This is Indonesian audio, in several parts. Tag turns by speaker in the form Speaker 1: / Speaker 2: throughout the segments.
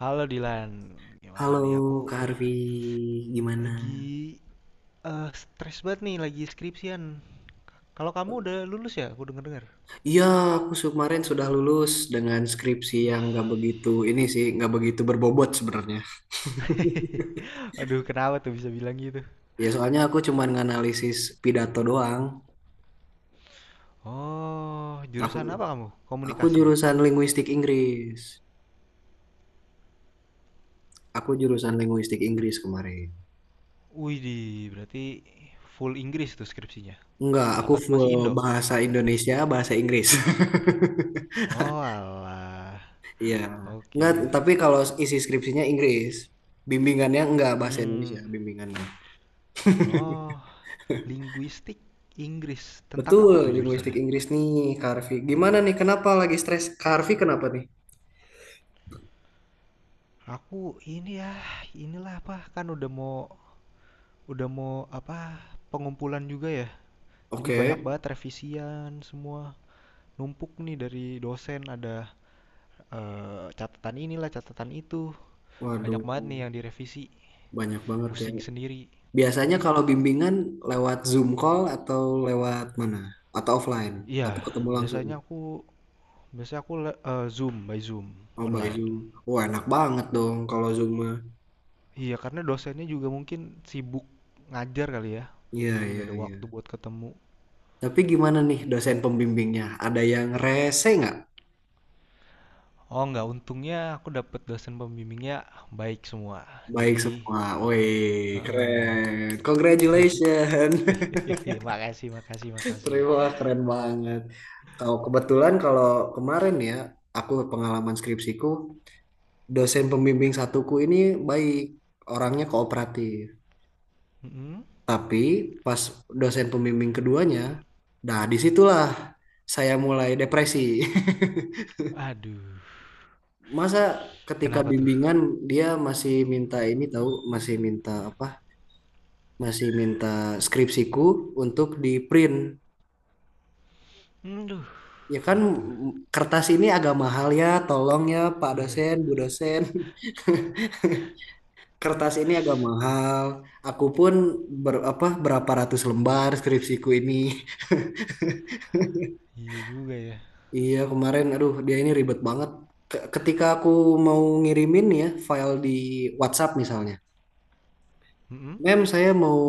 Speaker 1: Halo Dilan, gimana
Speaker 2: Halo
Speaker 1: nih? Aku
Speaker 2: Kak Harvey, gimana?
Speaker 1: lagi stres banget nih, lagi skripsian. Kalau kamu udah lulus ya, aku denger-dengar.
Speaker 2: Iya, kemarin sudah lulus dengan skripsi yang
Speaker 1: Wih.
Speaker 2: nggak begitu ini sih, nggak begitu berbobot sebenarnya.
Speaker 1: Aduh, kenapa tuh bisa bilang gitu?
Speaker 2: Ya soalnya aku cuma nganalisis pidato doang.
Speaker 1: Oh,
Speaker 2: Aku
Speaker 1: jurusan apa kamu?
Speaker 2: aku
Speaker 1: Komunikasi.
Speaker 2: jurusan linguistik Inggris. Aku jurusan linguistik Inggris kemarin.
Speaker 1: Wih, berarti full Inggris tuh skripsinya.
Speaker 2: Enggak, aku
Speaker 1: Apa masih
Speaker 2: full
Speaker 1: Indo?
Speaker 2: bahasa Indonesia, bahasa Inggris.
Speaker 1: Oh, alah.
Speaker 2: Iya. Enggak,
Speaker 1: Oke.
Speaker 2: tapi kalau isi skripsinya Inggris, bimbingannya enggak bahasa Indonesia,
Speaker 1: Hmm.
Speaker 2: bimbingannya.
Speaker 1: Oh, linguistik Inggris. Tentang
Speaker 2: Betul,
Speaker 1: apa tuh
Speaker 2: linguistik
Speaker 1: jurusannya?
Speaker 2: Inggris nih, Kak Arfi. Gimana nih, kenapa lagi stres? Kak Arfi kenapa nih?
Speaker 1: Aku ini ya, inilah apa kan udah mau apa pengumpulan juga ya. Jadi banyak
Speaker 2: Oke.
Speaker 1: banget revisian semua. Numpuk nih dari dosen ada catatan inilah, catatan itu. Banyak
Speaker 2: Waduh,
Speaker 1: banget nih yang direvisi.
Speaker 2: banyak banget ya.
Speaker 1: Pusing sendiri.
Speaker 2: Biasanya
Speaker 1: Mm-mm.
Speaker 2: kalau bimbingan lewat Zoom call atau lewat mana? Atau offline?
Speaker 1: Iya,
Speaker 2: Atau ketemu langsung?
Speaker 1: biasanya aku biasanya aku Zoom by Zoom
Speaker 2: Oh, by
Speaker 1: online.
Speaker 2: Zoom. Wah, enak banget dong kalau Zoom mah.
Speaker 1: Iya, karena dosennya juga mungkin sibuk ngajar kali ya,
Speaker 2: Iya,
Speaker 1: ini
Speaker 2: iya,
Speaker 1: nggak ada
Speaker 2: iya.
Speaker 1: waktu buat ketemu.
Speaker 2: Tapi gimana nih dosen pembimbingnya? Ada yang rese nggak?
Speaker 1: Oh, nggak, untungnya aku dapet dosen pembimbingnya baik semua.
Speaker 2: Baik
Speaker 1: Jadi,
Speaker 2: semua. Wih,
Speaker 1: heeh.
Speaker 2: keren. Congratulations.
Speaker 1: Makasih, makasih, makasih.
Speaker 2: Terima, keren banget. Kalau kebetulan kalau kemarin ya, aku pengalaman skripsiku, dosen pembimbing satuku ini baik, orangnya kooperatif.
Speaker 1: Mhm.
Speaker 2: Tapi pas dosen pembimbing keduanya, nah disitulah saya mulai depresi.
Speaker 1: Aduh,
Speaker 2: Masa ketika
Speaker 1: kenapa tuh?
Speaker 2: bimbingan dia masih minta ini tahu, masih minta apa? Masih minta skripsiku untuk di print.
Speaker 1: Aduh,
Speaker 2: Ya kan
Speaker 1: itu.
Speaker 2: kertas ini agak mahal ya, tolong ya Pak
Speaker 1: Iya,
Speaker 2: dosen, Bu dosen. Kertas ini agak mahal. Aku pun apa, berapa ratus lembar skripsiku ini.
Speaker 1: iya juga ya.
Speaker 2: Iya, kemarin aduh dia ini ribet banget. Ketika aku mau ngirimin ya file di WhatsApp misalnya.
Speaker 1: Mhm.
Speaker 2: Saya mau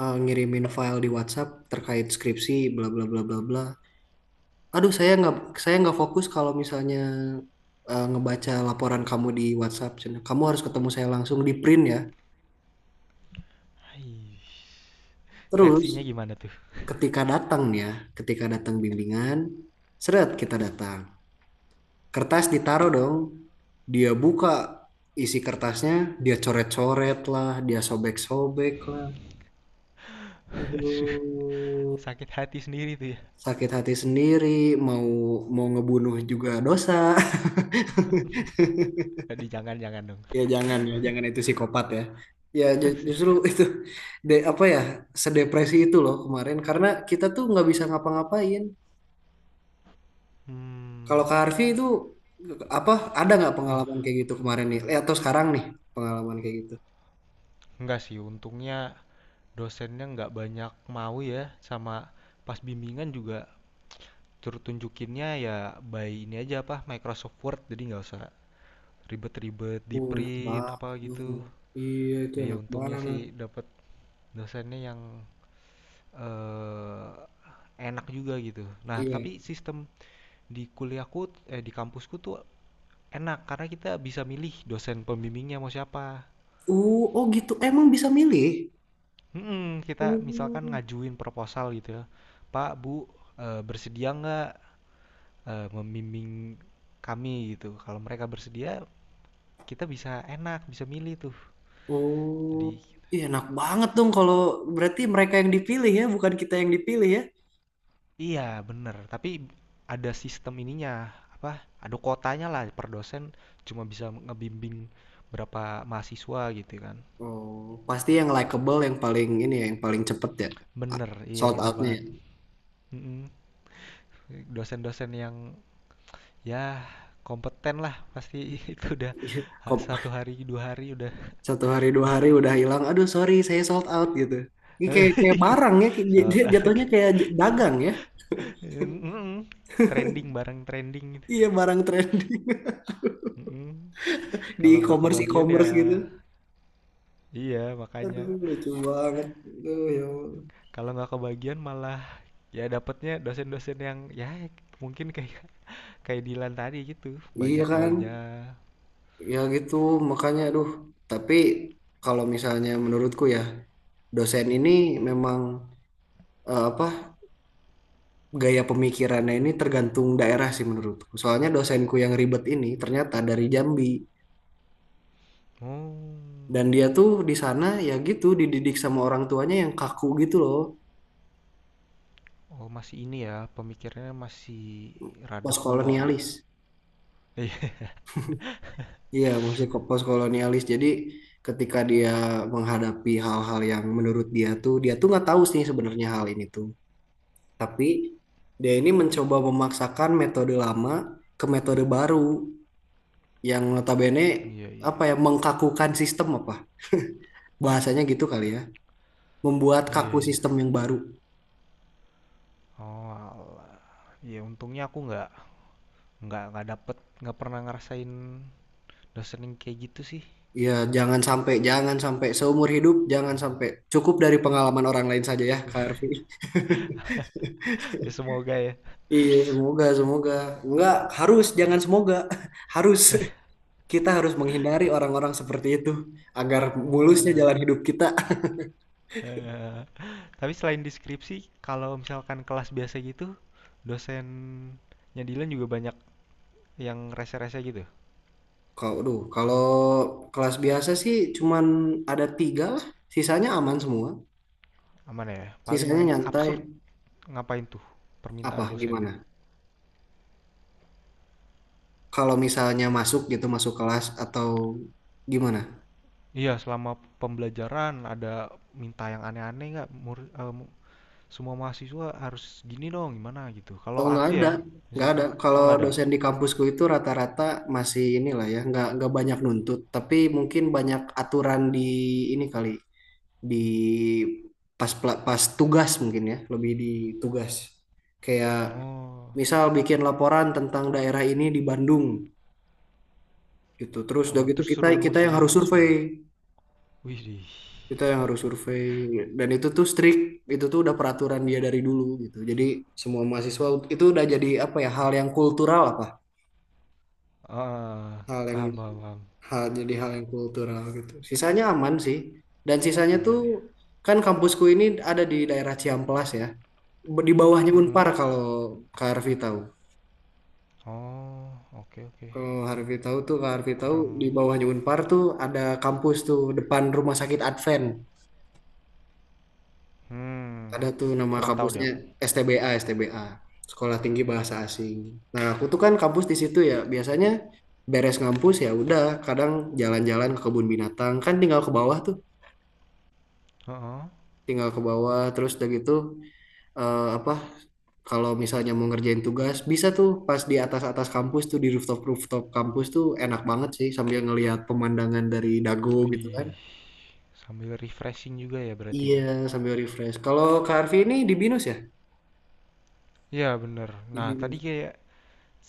Speaker 2: ngirimin file di WhatsApp terkait skripsi bla bla bla bla bla. Aduh, saya nggak fokus kalau misalnya ngebaca laporan kamu di WhatsApp. Cen. Kamu harus ketemu saya langsung di print ya.
Speaker 1: Ih.
Speaker 2: Terus
Speaker 1: Reaksinya gimana tuh?
Speaker 2: ketika datang ya, ketika datang bimbingan, seret kita datang. Kertas ditaruh dong, dia buka isi kertasnya, dia coret-coret lah, dia sobek-sobek lah.
Speaker 1: Aduh,
Speaker 2: Aduh,
Speaker 1: sakit hati sendiri tuh ya?
Speaker 2: sakit hati sendiri, mau mau ngebunuh juga dosa.
Speaker 1: Aduh, jangan jangan dong.
Speaker 2: Ya, jangan itu psikopat ya. Ya justru itu de apa ya sedepresi itu loh kemarin karena kita tuh nggak bisa ngapa-ngapain. Kalau
Speaker 1: Mmm,
Speaker 2: Kak Harvey itu apa ada nggak pengalaman
Speaker 1: wah,
Speaker 2: kayak gitu kemarin nih? Atau sekarang nih pengalaman kayak gitu?
Speaker 1: enggak sih, untungnya dosennya nggak banyak mau ya. Sama pas bimbingan juga, Tur tunjukinnya ya by ini aja apa Microsoft Word, jadi nggak usah ribet-ribet di
Speaker 2: Enak
Speaker 1: print
Speaker 2: banget.
Speaker 1: apa gitu.
Speaker 2: Bang. Iya itu
Speaker 1: Ya
Speaker 2: enak
Speaker 1: untungnya sih
Speaker 2: banget.
Speaker 1: dapat dosennya yang eh, enak juga gitu. Nah tapi
Speaker 2: Iya.
Speaker 1: sistem di kuliahku di kampusku tuh enak karena kita bisa milih dosen pembimbingnya mau siapa.
Speaker 2: Oh gitu. Emang bisa milih?
Speaker 1: Kita misalkan
Speaker 2: Oh.
Speaker 1: ngajuin proposal gitu ya, Pak Bu bersedia nggak membimbing kami gitu. Kalau mereka bersedia, kita bisa enak, bisa milih tuh.
Speaker 2: Oh.
Speaker 1: Jadi
Speaker 2: Iya enak banget dong kalau berarti mereka yang dipilih ya, bukan kita yang dipilih ya.
Speaker 1: iya bener, tapi ada sistem ininya, apa, ada kuotanya lah per dosen, cuma bisa ngebimbing berapa mahasiswa gitu kan.
Speaker 2: Oh, pasti yang likable yang paling ini ya, yang paling cepet ya.
Speaker 1: Bener, iya
Speaker 2: Sold
Speaker 1: bener
Speaker 2: outnya ya.
Speaker 1: banget. Mm-mm. Dosen-dosen yang ya kompeten lah pasti itu udah
Speaker 2: Kok
Speaker 1: satu hari dua hari udah
Speaker 2: satu hari dua hari udah
Speaker 1: pasti.
Speaker 2: hilang aduh sorry saya sold out gitu ini kayak kayak barang ya dia
Speaker 1: Soal
Speaker 2: dia jatuhnya
Speaker 1: tarik
Speaker 2: dagang ya
Speaker 1: Mm-mm. Trending bareng trending gitu.
Speaker 2: iya barang trending
Speaker 1: Mm-mm. Kalau
Speaker 2: di
Speaker 1: nggak
Speaker 2: e-commerce
Speaker 1: kebagian ya.
Speaker 2: e-commerce gitu
Speaker 1: Iya, makanya,
Speaker 2: aduh lucu banget aduh ya Allah.
Speaker 1: kalau nggak kebagian malah ya dapetnya dosen-dosen yang ya mungkin kayak kayak Dilan tadi gitu,
Speaker 2: Iya
Speaker 1: banyak
Speaker 2: kan
Speaker 1: maunya.
Speaker 2: ya gitu makanya aduh tapi kalau misalnya menurutku ya dosen ini memang eh, apa gaya pemikirannya ini tergantung daerah sih menurutku soalnya dosenku yang ribet ini ternyata dari Jambi.
Speaker 1: Oh,
Speaker 2: Dan dia tuh di sana ya gitu dididik sama orang tuanya yang kaku gitu loh,
Speaker 1: oh masih ini ya pemikirannya, masih rada kuno ya.
Speaker 2: postkolonialis.
Speaker 1: Iya.
Speaker 2: Iya, masih kok postkolonialis. Jadi ketika dia menghadapi hal-hal yang menurut dia tuh nggak tahu sih sebenarnya hal ini tuh. Tapi dia ini mencoba memaksakan metode lama ke metode baru yang notabene
Speaker 1: Iya iya
Speaker 2: apa ya
Speaker 1: iya.
Speaker 2: mengkakukan sistem apa bahasanya gitu kali ya, membuat
Speaker 1: Iya
Speaker 2: kaku
Speaker 1: iya.
Speaker 2: sistem yang baru.
Speaker 1: Oh, alah. Ya untungnya aku nggak dapet, nggak pernah ngerasain dosen yang kayak gitu sih.
Speaker 2: Ya, jangan sampai, jangan sampai seumur hidup, jangan sampai cukup dari pengalaman orang lain saja ya, Kak Arfi.
Speaker 1: Ya semoga ya.
Speaker 2: Iya, semoga, semoga. Enggak, harus, jangan semoga. Harus. Kita harus menghindari orang-orang seperti itu agar mulusnya
Speaker 1: Eh,
Speaker 2: jalan hidup kita.
Speaker 1: Eee, tapi selain deskripsi, kalau misalkan kelas biasa gitu, dosennya Dilan juga banyak yang rese-rese gitu?
Speaker 2: Kalau kelas biasa sih cuman ada tiga lah. Sisanya aman semua.
Speaker 1: Aman ya? Paling
Speaker 2: Sisanya nyantai.
Speaker 1: absurd ngapain tuh permintaan
Speaker 2: Apa,
Speaker 1: dosen?
Speaker 2: gimana? Kalau misalnya masuk gitu, masuk kelas atau gimana?
Speaker 1: Iya, selama pembelajaran ada minta yang aneh-aneh nggak? Semua mahasiswa harus gini dong, gimana gitu. Kalau
Speaker 2: Oh nggak
Speaker 1: aku
Speaker 2: ada,
Speaker 1: ya,
Speaker 2: nggak ada.
Speaker 1: misalkan, oh
Speaker 2: Kalau
Speaker 1: nggak ada?
Speaker 2: dosen di kampusku itu rata-rata masih inilah ya, nggak banyak nuntut, tapi mungkin banyak aturan di ini kali di pas tugas mungkin ya, lebih di tugas. Kayak
Speaker 1: Oh
Speaker 2: misal bikin laporan tentang daerah ini di Bandung gitu. Terus udah
Speaker 1: oh,
Speaker 2: gitu
Speaker 1: terus
Speaker 2: kita
Speaker 1: suruh
Speaker 2: kita yang
Speaker 1: ngunjungin
Speaker 2: harus
Speaker 1: langsung?
Speaker 2: survei,
Speaker 1: Widih.
Speaker 2: kita yang harus survei dan itu tuh strict, itu tuh udah peraturan dia dari dulu gitu. Jadi semua mahasiswa itu udah jadi apa ya hal yang kultural apa?
Speaker 1: Heeh,
Speaker 2: hal yang
Speaker 1: paham paham paham,
Speaker 2: Hal yang kultural gitu. Sisanya aman sih. Dan sisanya tuh
Speaker 1: aman ya.
Speaker 2: kan kampusku ini ada di daerah Ciamplas ya. Di bawahnya Unpar
Speaker 1: Mhm.
Speaker 2: kalau Kak Harfi tahu.
Speaker 1: Oh, oke oke.
Speaker 2: Kalau Harfi tahu tuh Kak Harfi tahu di
Speaker 1: Kurang
Speaker 2: bawahnya Unpar tuh ada kampus tuh depan Rumah Sakit Advent.
Speaker 1: hmm
Speaker 2: Ada tuh nama
Speaker 1: kurang tahu deh
Speaker 2: kampusnya
Speaker 1: aku.
Speaker 2: STBA, STBA. Sekolah Tinggi Bahasa Asing. Nah, aku tuh kan kampus di situ ya. Biasanya beres ngampus ya udah kadang jalan-jalan ke kebun binatang kan tinggal ke bawah tuh
Speaker 1: Heeh.
Speaker 2: tinggal ke bawah terus udah gitu eh, apa kalau misalnya mau ngerjain tugas bisa tuh pas di atas-atas kampus tuh di rooftop-rooftop kampus tuh enak banget sih sambil ngelihat pemandangan dari dago gitu kan.
Speaker 1: Widih, sambil refreshing juga ya berarti
Speaker 2: Iya,
Speaker 1: ya?
Speaker 2: sambil refresh. Kalau Kak Arfi ini di Binus ya?
Speaker 1: Iya bener.
Speaker 2: Di
Speaker 1: Nah tadi
Speaker 2: Binus.
Speaker 1: kayak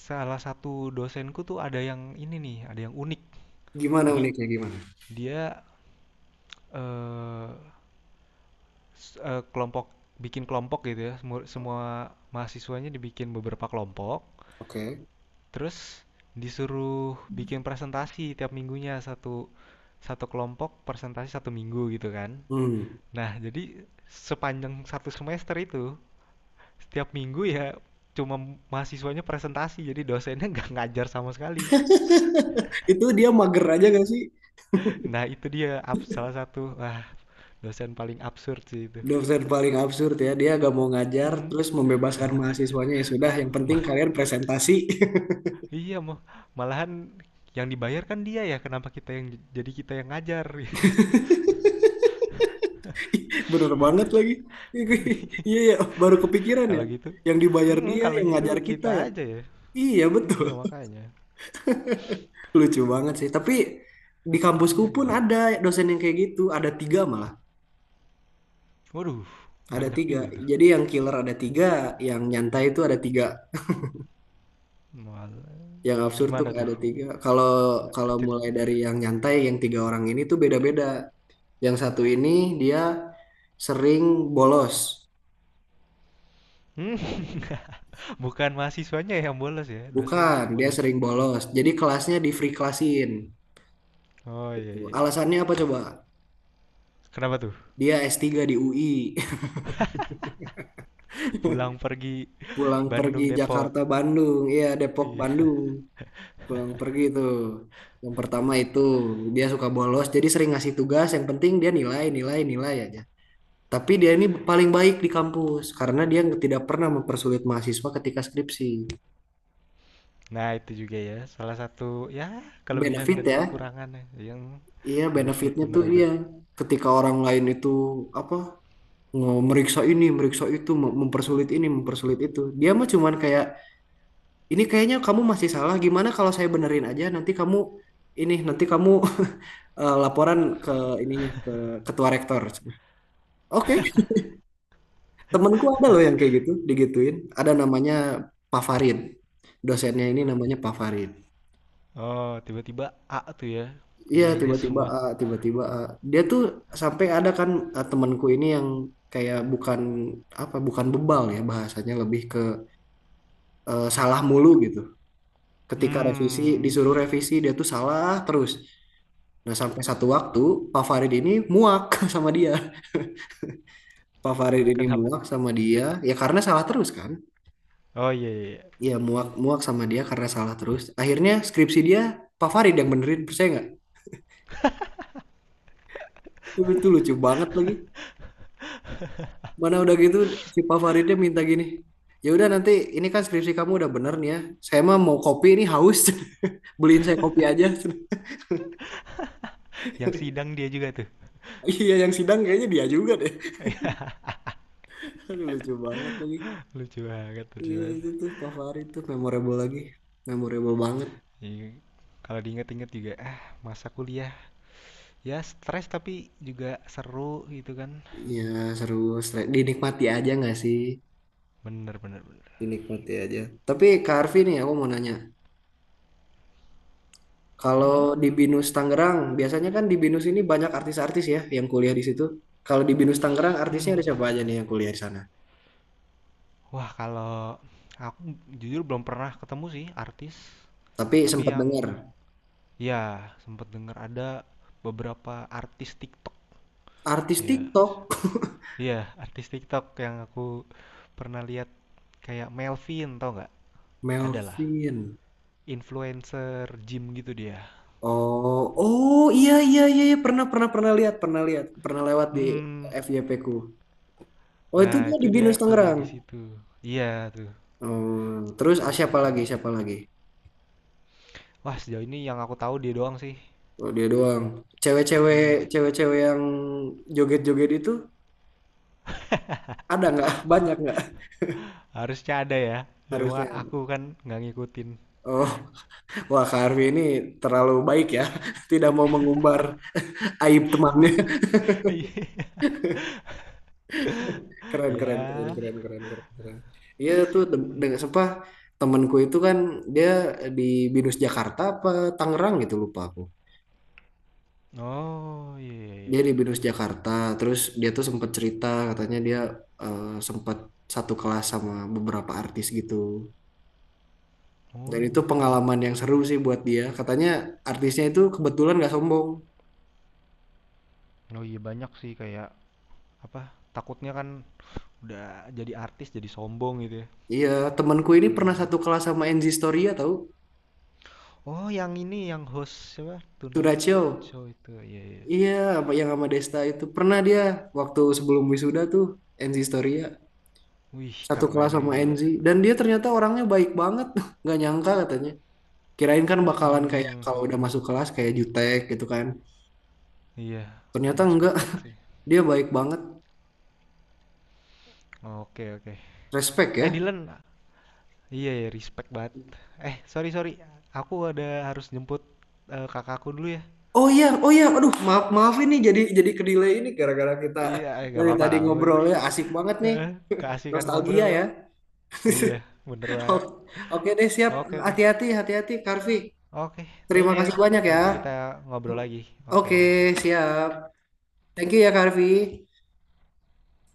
Speaker 1: salah satu dosenku tuh ada yang ini nih, ada yang unik.
Speaker 2: Gimana
Speaker 1: Jadi
Speaker 2: uniknya gimana?
Speaker 1: dia, eee, s eee, kelompok bikin kelompok gitu ya, semua mahasiswanya dibikin beberapa kelompok,
Speaker 2: Oke.
Speaker 1: terus disuruh bikin presentasi tiap minggunya, satu satu kelompok presentasi satu minggu gitu kan.
Speaker 2: Hmm.
Speaker 1: Nah, jadi sepanjang satu semester itu, setiap minggu ya cuma mahasiswanya presentasi, jadi dosennya nggak ngajar sama sekali.
Speaker 2: Itu dia mager aja gak sih?
Speaker 1: Nah, itu dia salah satu, wah, dosen paling absurd sih itu.
Speaker 2: Dosen paling absurd ya. Dia gak mau ngajar
Speaker 1: Mm-mm,
Speaker 2: terus
Speaker 1: nggak
Speaker 2: membebaskan
Speaker 1: mau ngajar.
Speaker 2: mahasiswanya ya sudah yang penting
Speaker 1: Ma-
Speaker 2: kalian presentasi.
Speaker 1: iya, malahan yang dibayar kan dia ya, kenapa kita yang jadi kita yang ngajar gitu.
Speaker 2: Bener banget lagi. Iya ya, baru kepikiran ya.
Speaker 1: Kalau gitu,
Speaker 2: Yang dibayar
Speaker 1: mm-mm,
Speaker 2: dia,
Speaker 1: kalau
Speaker 2: yang
Speaker 1: gitu
Speaker 2: ngajar kita
Speaker 1: kita
Speaker 2: ya.
Speaker 1: aja ya.
Speaker 2: Iya betul.
Speaker 1: Iya, makanya.
Speaker 2: Lucu banget sih. Tapi di
Speaker 1: Itu
Speaker 2: kampusku pun
Speaker 1: dianya.
Speaker 2: ada dosen yang kayak gitu. Ada tiga malah.
Speaker 1: Waduh,
Speaker 2: Ada
Speaker 1: banyak
Speaker 2: tiga.
Speaker 1: juga tuh.
Speaker 2: Jadi yang killer ada tiga, yang nyantai itu ada tiga.
Speaker 1: Malah
Speaker 2: Yang absurd tuh
Speaker 1: gimana tuh?
Speaker 2: ada tiga. Kalau kalau
Speaker 1: cerit
Speaker 2: mulai dari yang nyantai, yang tiga orang ini tuh beda-beda. Yang satu ini dia sering bolos.
Speaker 1: mmm, bukan mahasiswanya yang bolos ya, dosennya
Speaker 2: Bukan,
Speaker 1: yang
Speaker 2: dia
Speaker 1: bolos.
Speaker 2: sering bolos. Jadi kelasnya di free classin.
Speaker 1: Oh, iya iya iya.
Speaker 2: Alasannya apa coba?
Speaker 1: Kenapa tuh?
Speaker 2: Dia S3 di UI,
Speaker 1: Pulang pergi
Speaker 2: pulang pergi
Speaker 1: Bandung,
Speaker 2: Jakarta
Speaker 1: Depok.
Speaker 2: Bandung, iya Depok
Speaker 1: Iya.
Speaker 2: Bandung, pulang pergi tuh. Yang pertama itu dia suka bolos, jadi sering ngasih tugas. Yang penting dia nilai, nilai, nilai aja. Tapi dia ini paling baik di kampus karena dia tidak pernah mempersulit mahasiswa ketika skripsi.
Speaker 1: Nah, itu juga ya salah satu, ya, kelebihan
Speaker 2: Benefit
Speaker 1: dan
Speaker 2: ya,
Speaker 1: kekurangannya. Yang
Speaker 2: iya
Speaker 1: benefit,
Speaker 2: benefitnya
Speaker 1: bener
Speaker 2: tuh dia
Speaker 1: bener.
Speaker 2: ketika orang lain itu apa meriksa ini, meriksa itu, mempersulit ini, mempersulit itu. Dia mah cuman kayak Ini kayaknya kamu masih salah. Gimana kalau saya benerin aja? Nanti kamu ini, nanti kamu laporan ke ininya ke ketua rektor. Oke, temanku ada loh yang kayak gitu, digituin. Ada namanya Pak Farid. Dosennya ini namanya Pak Farid.
Speaker 1: Oh, tiba-tiba A tuh ya
Speaker 2: Iya,
Speaker 1: nilainya
Speaker 2: tiba-tiba
Speaker 1: semua.
Speaker 2: ah, tiba-tiba ah. Dia tuh sampai ada kan ah, temanku ini yang kayak bukan apa, bukan bebal ya bahasanya lebih ke salah mulu gitu. Ketika revisi
Speaker 1: hmm
Speaker 2: disuruh revisi dia tuh salah terus. Nah, sampai satu waktu Pak Farid ini muak sama dia. Pak Farid ini
Speaker 1: Kenapa tuh?
Speaker 2: muak sama dia, ya karena salah terus kan?
Speaker 1: Oh, iya iya iya.
Speaker 2: Ya muak muak sama dia karena salah terus. Akhirnya skripsi dia Pak Farid yang benerin, percaya nggak? Itu lucu banget lagi. Mana udah gitu si Pak Faridnya minta gini. Ya udah nanti ini kan skripsi kamu udah bener nih ya. Saya mah mau kopi ini haus. Beliin saya kopi aja.
Speaker 1: Yang sidang dia juga tuh.
Speaker 2: Iya yang sidang kayaknya dia juga deh. Lucu banget lagi.
Speaker 1: Lucu banget, lucu
Speaker 2: Iya
Speaker 1: banget.
Speaker 2: itu tuh Pak Farid tuh memorable lagi. Memorable banget.
Speaker 1: Jadi, kalau diinget-inget juga, ah, masa kuliah ya stres tapi juga seru gitu kan,
Speaker 2: Iya seru, dinikmati aja nggak sih?
Speaker 1: bener bener bener.
Speaker 2: Dinikmati aja. Tapi Kak Arfi nih aku mau nanya, kalau
Speaker 1: Mm-mm.
Speaker 2: di BINUS Tangerang, biasanya kan di BINUS ini banyak artis-artis ya yang kuliah di situ. Kalau di BINUS Tangerang artisnya ada
Speaker 1: Mm-mm.
Speaker 2: siapa aja
Speaker 1: Aduh.
Speaker 2: nih yang kuliah di sana?
Speaker 1: Wah, kalau aku jujur belum pernah ketemu sih artis,
Speaker 2: Tapi
Speaker 1: tapi
Speaker 2: sempat
Speaker 1: yang
Speaker 2: dengar
Speaker 1: ya sempet denger ada beberapa artis TikTok
Speaker 2: artis
Speaker 1: kayak,
Speaker 2: TikTok.
Speaker 1: iya, artis TikTok yang aku pernah lihat kayak Melvin, tau nggak, ada lah,
Speaker 2: Melvin.
Speaker 1: influencer gym gitu dia.
Speaker 2: Oh, oh iya iya iya iya. pernah pernah Pernah lihat pernah lihat pernah lewat di
Speaker 1: mm
Speaker 2: FYP ku. Oh itu
Speaker 1: Nah,
Speaker 2: dia
Speaker 1: itu
Speaker 2: di BINUS
Speaker 1: dia kuliah
Speaker 2: Tangerang.
Speaker 1: di situ. Iya tuh,
Speaker 2: Oh, terus ah,
Speaker 1: salah
Speaker 2: siapa lagi
Speaker 1: satunya.
Speaker 2: siapa lagi?
Speaker 1: Wah, sejauh ini yang aku tahu dia doang sih.
Speaker 2: Oh, dia doang. Cewek-cewek,
Speaker 1: Mhm.
Speaker 2: cewek-cewek yang joget-joget itu ada nggak? Banyak nggak?
Speaker 1: Harusnya ada ya, cuma
Speaker 2: Harusnya
Speaker 1: aku
Speaker 2: ada.
Speaker 1: kan nggak ngikutin.
Speaker 2: Oh, wah Kak Arfi ini terlalu baik ya. Tidak mau mengumbar aib temannya. Keren, keren, keren,
Speaker 1: Ya.
Speaker 2: keren, keren, keren, keren. Iya tuh dengan
Speaker 1: Mhm.
Speaker 2: temanku itu kan dia di Binus Jakarta apa Tangerang gitu lupa aku.
Speaker 1: Oh, iya iya
Speaker 2: Dia di
Speaker 1: iya.
Speaker 2: Binus Jakarta, terus dia tuh sempat cerita katanya dia sempat satu kelas sama beberapa artis gitu. Dan itu
Speaker 1: Oh,
Speaker 2: pengalaman yang seru sih buat dia. Katanya artisnya itu kebetulan gak sombong.
Speaker 1: apa, takutnya kan udah jadi artis jadi sombong gitu ya.
Speaker 2: Iya, temanku ini pernah satu kelas sama Enzi Storia tahu?
Speaker 1: Oh, yang ini yang host siapa, Tonight
Speaker 2: Turaccio.
Speaker 1: Show itu, iya iya.
Speaker 2: Iya, apa yang sama Desta itu pernah dia waktu sebelum wisuda tuh Enzi Storia
Speaker 1: Wih,
Speaker 2: satu kelas
Speaker 1: keren
Speaker 2: sama
Speaker 1: juga.
Speaker 2: Enzi dan dia ternyata orangnya baik banget. Nggak nyangka katanya. Kirain kan bakalan kayak
Speaker 1: Hmm
Speaker 2: kalau udah
Speaker 1: mhm.
Speaker 2: masuk kelas kayak jutek gitu kan.
Speaker 1: Iya,
Speaker 2: Ternyata enggak.
Speaker 1: unexpected sih.
Speaker 2: Dia baik banget.
Speaker 1: Oke, oke.
Speaker 2: Respect
Speaker 1: Eh,
Speaker 2: ya.
Speaker 1: Dylan. Iya, ya, respect banget. Eh, sorry, sorry. Aku ada harus jemput kakakku dulu ya.
Speaker 2: Oh iya, oh iya, aduh maaf maaf ini jadi kedelay ini gara-gara kita
Speaker 1: Iya, eh, nggak
Speaker 2: dari
Speaker 1: apa-apa,
Speaker 2: tadi
Speaker 1: nggak
Speaker 2: ngobrolnya
Speaker 1: apa-apa.
Speaker 2: asik banget nih,
Speaker 1: Heeh, keasikan
Speaker 2: nostalgia
Speaker 1: ngobrol.
Speaker 2: ya.
Speaker 1: Iya, bener banget.
Speaker 2: O- Oke deh siap,
Speaker 1: Oke, oke.
Speaker 2: hati-hati Karvi.
Speaker 1: Oke, thank
Speaker 2: Terima
Speaker 1: you ya.
Speaker 2: kasih banyak ya.
Speaker 1: Nanti kita ngobrol lagi. Oke.
Speaker 2: Oke siap, thank you ya Karvi.